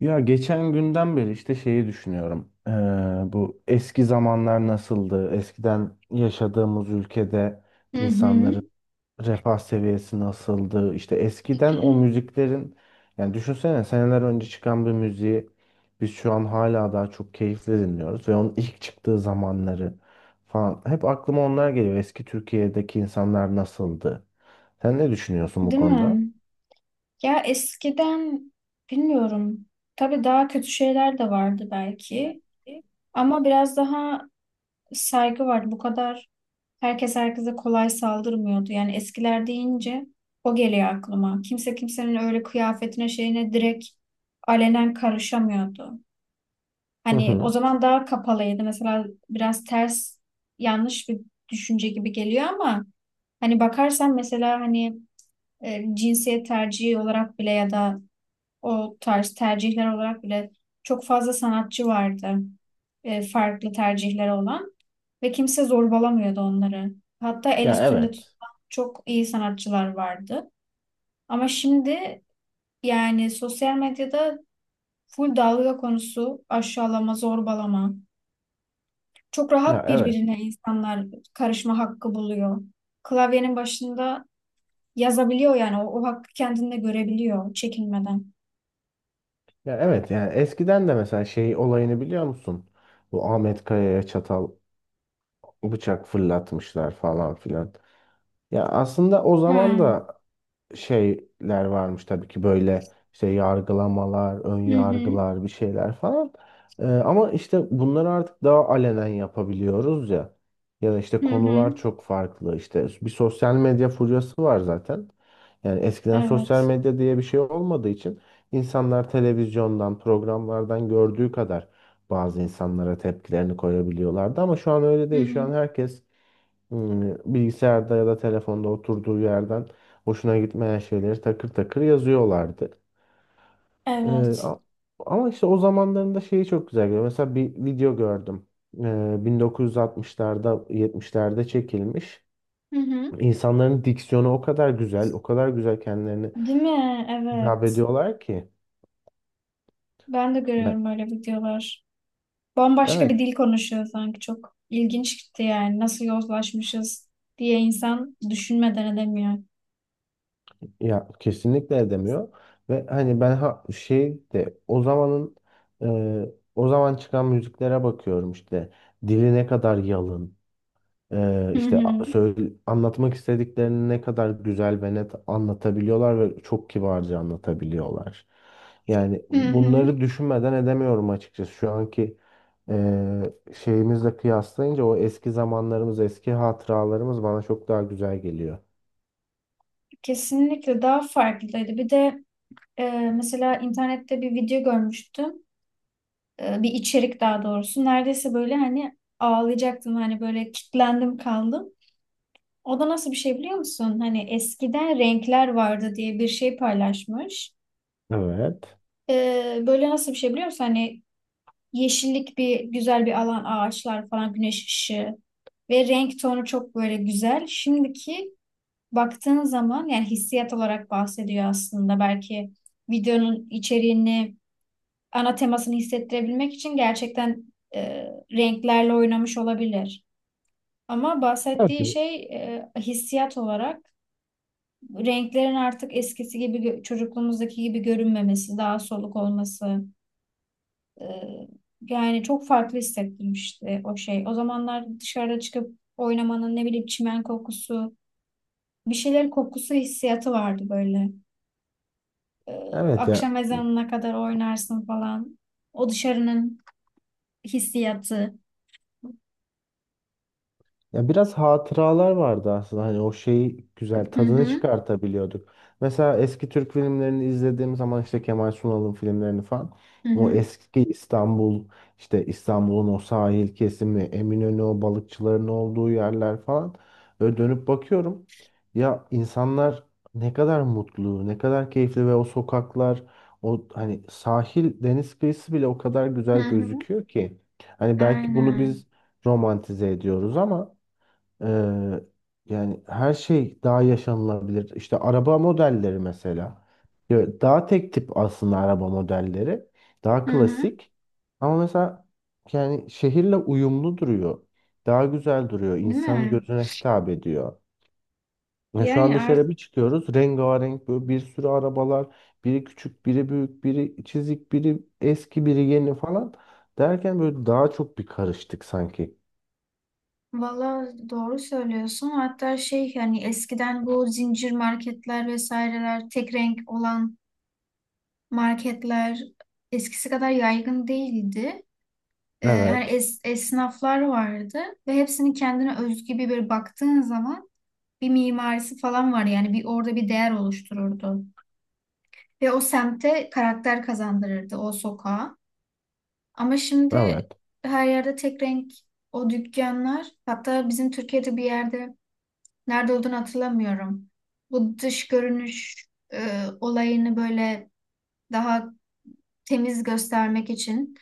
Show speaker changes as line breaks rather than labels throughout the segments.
Ya geçen günden beri işte şeyi düşünüyorum. Bu eski zamanlar nasıldı? Eskiden yaşadığımız ülkede
Hı hı.
insanların refah seviyesi nasıldı? İşte eskiden o müziklerin yani düşünsene seneler önce çıkan bir müziği biz şu an hala daha çok keyifle dinliyoruz ve onun ilk çıktığı zamanları falan. Hep aklıma onlar geliyor. Eski Türkiye'deki insanlar nasıldı? Sen ne düşünüyorsun bu
Değil
konuda?
mi? Ya eskiden bilmiyorum. Tabii daha kötü şeyler de vardı belki. Ama biraz daha saygı vardı. Bu kadar herkes herkese kolay saldırmıyordu. Yani eskiler deyince o geliyor aklıma. Kimse kimsenin öyle kıyafetine şeyine direkt alenen karışamıyordu.
Hı
Hani o
hı.
zaman daha kapalıydı. Mesela biraz ters yanlış bir düşünce gibi geliyor ama hani bakarsan mesela hani cinsiyet tercihi olarak bile ya da o tarz tercihler olarak bile çok fazla sanatçı vardı farklı tercihleri olan ve kimse zorbalamıyordu onları. Hatta el
Ya
üstünde
evet.
tutulan çok iyi sanatçılar vardı. Ama şimdi yani sosyal medyada full dalga konusu, aşağılama, zorbalama. Çok
Ya
rahat
evet.
birbirine insanlar karışma hakkı buluyor. Klavyenin başında yazabiliyor yani o hakkı kendinde görebiliyor çekinmeden.
Ya evet, yani eskiden de mesela şey olayını biliyor musun? Bu Ahmet Kaya'ya çatal bıçak fırlatmışlar falan filan. Ya aslında o
Ha.
zaman da şeyler varmış tabii ki böyle işte yargılamalar, ön
Hı hı.
yargılar bir şeyler falan. Ama işte bunları artık daha alenen yapabiliyoruz ya. Ya da işte
Hı hı.
konular çok farklı. İşte bir sosyal medya furyası var zaten. Yani eskiden sosyal
Evet.
medya diye bir şey olmadığı için insanlar televizyondan, programlardan gördüğü kadar bazı insanlara tepkilerini koyabiliyorlardı ama şu an öyle
Hı
değil. Şu
hı.
an herkes bilgisayarda ya da telefonda oturduğu yerden hoşuna gitmeyen şeyleri takır takır yazıyorlardı. Ee,
Evet.
a- ama işte o zamanlarında şeyi çok güzel görüyorum. Mesela bir video gördüm. 1960'larda, 70'lerde çekilmiş.
Hı hı.
İnsanların diksiyonu o kadar güzel, o kadar güzel kendilerini
Değil mi?
hitap
Evet.
ediyorlar ki.
Ben de
Ya,
görüyorum öyle videolar. Bambaşka bir
evet
dil konuşuyor sanki. Çok ilginç gitti yani. Nasıl yozlaşmışız diye insan düşünmeden edemiyor.
ya, kesinlikle edemiyor ve hani ben şey de o zamanın e, o zaman çıkan müziklere bakıyorum işte dili ne kadar yalın,
Hı
işte
hı.
söyle, anlatmak istediklerini ne kadar güzel ve net anlatabiliyorlar ve çok kibarca anlatabiliyorlar. Yani
Hı hı.
bunları düşünmeden edemiyorum açıkçası şu anki e, şeyimizle kıyaslayınca o eski zamanlarımız eski hatıralarımız bana çok daha güzel geliyor.
Kesinlikle daha farklıydı. Bir de mesela internette bir video görmüştüm. Bir içerik daha doğrusu. Neredeyse böyle hani ağlayacaktım. Hani böyle kitlendim kaldım. O da nasıl bir şey biliyor musun? Hani eskiden renkler vardı diye bir şey paylaşmış.
Evet.
Böyle nasıl bir şey biliyor musun? Hani yeşillik bir güzel bir alan, ağaçlar falan, güneş ışığı ve renk tonu çok böyle güzel. Şimdiki baktığın zaman yani hissiyat olarak bahsediyor aslında. Belki videonun içeriğini, ana temasını hissettirebilmek için gerçekten e, renklerle oynamış olabilir. Ama
Evet
bahsettiği
gibi.
şey hissiyat olarak renklerin artık eskisi gibi çocukluğumuzdaki gibi görünmemesi, daha soluk olması e, yani çok farklı hissettirmişti o şey. O zamanlar dışarıda çıkıp oynamanın ne bileyim çimen kokusu, bir şeyler kokusu hissiyatı vardı böyle. E,
Evet ya.
Akşam ezanına kadar oynarsın falan. O dışarının hissiyatı.
Ya biraz hatıralar vardı aslında. Hani o şeyi güzel
Hı
tadını
hı,
çıkartabiliyorduk. Mesela eski Türk filmlerini izlediğim zaman işte Kemal Sunal'ın filmlerini falan.
hı
O
hı,
eski İstanbul, işte İstanbul'un o sahil kesimi, Eminönü, o balıkçıların olduğu yerler falan. Böyle dönüp bakıyorum. Ya insanlar ne kadar mutlu, ne kadar keyifli ve o sokaklar, o hani sahil, deniz kıyısı bile o kadar
hı
güzel
hı.
gözüküyor ki. Hani belki bunu
Aynen.
biz romantize ediyoruz ama ee, yani her şey daha yaşanılabilir. İşte araba modelleri mesela. Ya daha tek tip aslında araba modelleri. Daha
Hı hı.
klasik. Ama mesela yani şehirle uyumlu duruyor. Daha güzel duruyor.
Değil
İnsanın
mi?
gözüne hitap ediyor. Ya şu an
Yani artık
dışarı bir çıkıyoruz. Rengarenk böyle bir sürü arabalar. Biri küçük, biri büyük, biri çizik, biri eski, biri yeni falan. Derken böyle daha çok bir karıştık sanki.
valla doğru söylüyorsun. Hatta şey hani eskiden bu zincir marketler vesaireler tek renk olan marketler eskisi kadar yaygın değildi. Hani
Evet.
esnaflar vardı ve hepsinin kendine özgü bir baktığın zaman bir mimarisi falan var yani bir orada bir değer oluştururdu. Ve o semte karakter kazandırırdı o sokağa. Ama şimdi
Evet.
her yerde tek renk o dükkanlar, hatta bizim Türkiye'de bir yerde nerede olduğunu hatırlamıyorum. Bu dış görünüş olayını böyle daha temiz göstermek için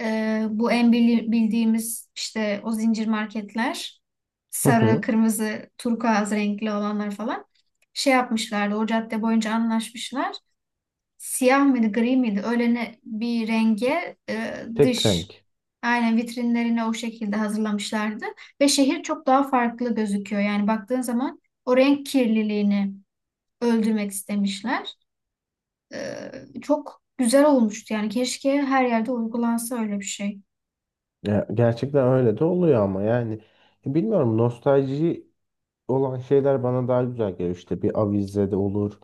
bu en bildiğimiz işte o zincir marketler, sarı, kırmızı, turkuaz renkli olanlar falan şey yapmışlardı. O cadde boyunca anlaşmışlar, siyah mıydı, gri miydi? Öyle ne, bir renge e,
Tek
dış
renk.
aynen vitrinlerine o şekilde hazırlamışlardı. Ve şehir çok daha farklı gözüküyor. Yani baktığın zaman o renk kirliliğini öldürmek istemişler. Çok güzel olmuştu. Yani keşke her yerde uygulansa öyle bir şey.
Ya, gerçekten öyle de oluyor ama yani bilmiyorum, nostalji olan şeyler bana daha güzel geliyor. İşte bir avize de olur.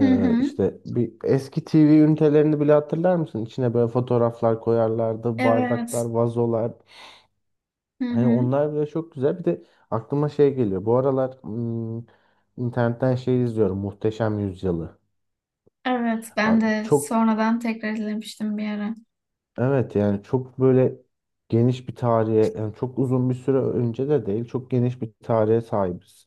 Hı hı.
İşte bir eski TV ünitelerini bile hatırlar mısın? İçine böyle fotoğraflar koyarlardı, bardaklar,
Evet.
vazolar.
Hı
Hani
hı.
onlar bile çok güzel. Bir de aklıma şey geliyor. Bu aralar internetten şey izliyorum. Muhteşem Yüzyılı.
Evet. Ben de
Çok.
sonradan tekrar izlemiştim bir ara.
Evet yani çok böyle geniş bir tarihe, yani çok uzun bir süre önce de değil, çok geniş bir tarihe sahibiz.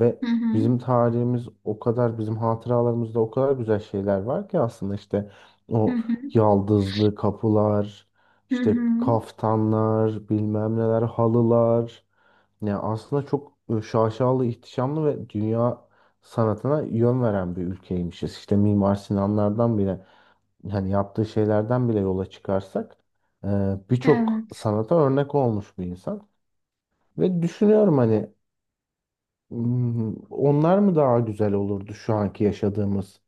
Ve
Hı hı.
bizim tarihimiz o kadar, bizim hatıralarımızda o kadar güzel şeyler var ki aslında, işte
Hı
o
hı.
yaldızlı kapılar,
Hı hı.
işte kaftanlar, bilmem neler, halılar, yani aslında çok şaşalı, ihtişamlı ve dünya sanatına yön veren bir ülkeymişiz. İşte Mimar Sinanlardan bile, hani yaptığı şeylerden bile yola çıkarsak e, birçok
Evet.
sanata örnek olmuş bir insan. Ve düşünüyorum hani, onlar mı daha güzel olurdu şu anki yaşadığımız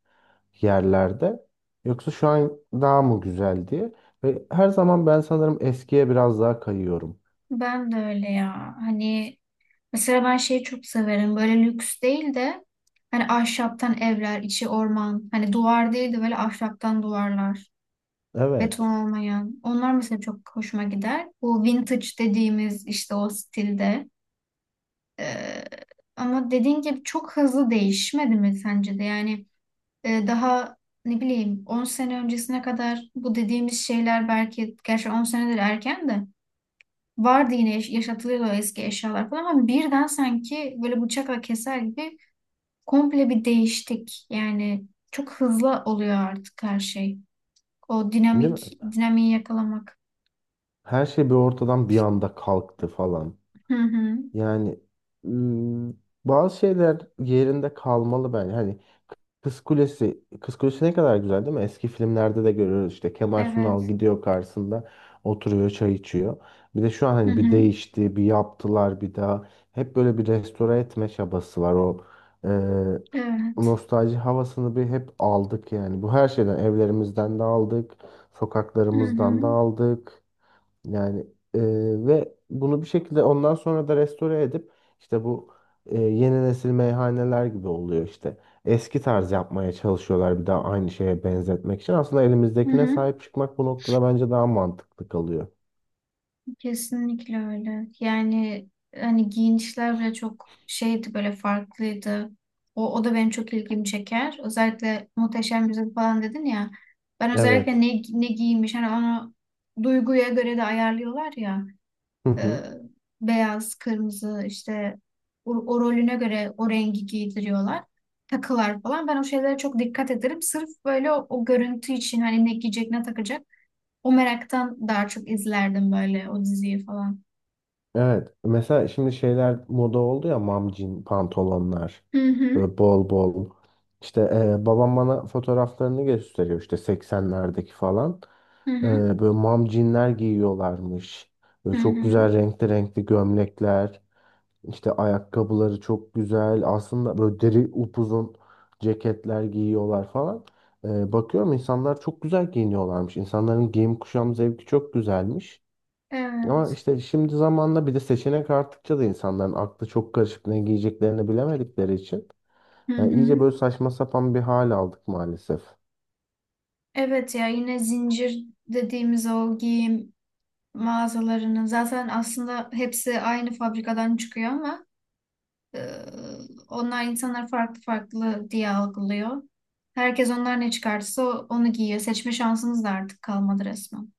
yerlerde, yoksa şu an daha mı güzel diye. Ve her zaman ben sanırım eskiye biraz daha kayıyorum.
Ben de öyle ya. Hani mesela ben şeyi çok severim. Böyle lüks değil de hani ahşaptan evler, içi orman. Hani duvar değil de böyle ahşaptan duvarlar. Beton
Evet.
olmayan. Onlar mesela çok hoşuma gider. Bu vintage dediğimiz işte o stilde. Ee, Ama dediğin gibi çok hızlı değişmedi mi sence de? Yani daha ne bileyim 10 sene öncesine kadar bu dediğimiz şeyler, belki gerçi 10 senedir erken de vardı, yine yaşatılıyordu o eski eşyalar falan, ama birden sanki böyle bıçakla keser gibi komple bir değiştik. Yani çok hızlı oluyor artık her şey. O
Değil mi?
dinamiği yakalamak.
Her şey bir ortadan bir anda kalktı falan.
Hı hı.
Yani ım, bazı şeyler yerinde kalmalı bence. Hani Kız Kulesi ne kadar güzel değil mi? Eski filmlerde de görüyoruz işte Kemal Sunal
Evet.
gidiyor karşısında oturuyor çay içiyor. Bir de şu an
Hı
hani bir
hı.
değişti, bir yaptılar bir daha. Hep böyle bir restore etme çabası var o e,
Evet.
nostalji havasını bir hep aldık yani. Bu her şeyden, evlerimizden de aldık,
Hı
sokaklarımızdan da
hı.
aldık. Yani e, ve bunu bir şekilde ondan sonra da restore edip işte bu yeni nesil meyhaneler gibi oluyor işte. Eski tarz yapmaya çalışıyorlar bir daha aynı şeye benzetmek için. Aslında
Hı
elimizdekine
hı.
sahip çıkmak bu noktada bence daha mantıklı kalıyor.
Kesinlikle öyle. Yani hani giyinişler bile çok şeydi böyle farklıydı. O da benim çok ilgimi çeker. Özellikle Muhteşem Yüzyıl falan dedin ya. Ben özellikle
Evet.
ne giymiş hani onu duyguya göre de ayarlıyorlar ya.
Hı
e,
hı.
Beyaz, kırmızı işte o rolüne göre o rengi giydiriyorlar. Takılar falan. Ben o şeylere çok dikkat ederim. Sırf böyle o görüntü için hani ne giyecek ne takacak. O meraktan daha çok izlerdim böyle o diziyi falan.
Evet. Mesela şimdi şeyler moda oldu ya, mamcin pantolonlar.
Hı hı,
Böyle bol bol. İşte babam bana fotoğraflarını gösteriyor işte 80'lerdeki falan.
hı
E,
hı,
böyle mamcinler giyiyorlarmış. Böyle
hı
çok
hı.
güzel renkli renkli gömlekler. İşte ayakkabıları çok güzel. Aslında böyle deri upuzun ceketler giyiyorlar falan. Bakıyorum insanlar çok güzel giyiniyorlarmış. İnsanların giyim kuşam zevki çok güzelmiş. Ama
Evet.
işte şimdi zamanla bir de seçenek arttıkça da insanların aklı çok karışık ne giyeceklerini bilemedikleri için
Hı
yani iyice
hı.
böyle saçma sapan bir hal aldık maalesef.
Evet ya, yine zincir dediğimiz o giyim mağazalarının zaten aslında hepsi aynı fabrikadan çıkıyor ama Ee, onlar insanlar farklı farklı diye algılıyor. Herkes onlar ne çıkarsa onu giyiyor. Seçme şansımız da artık kalmadı resmen.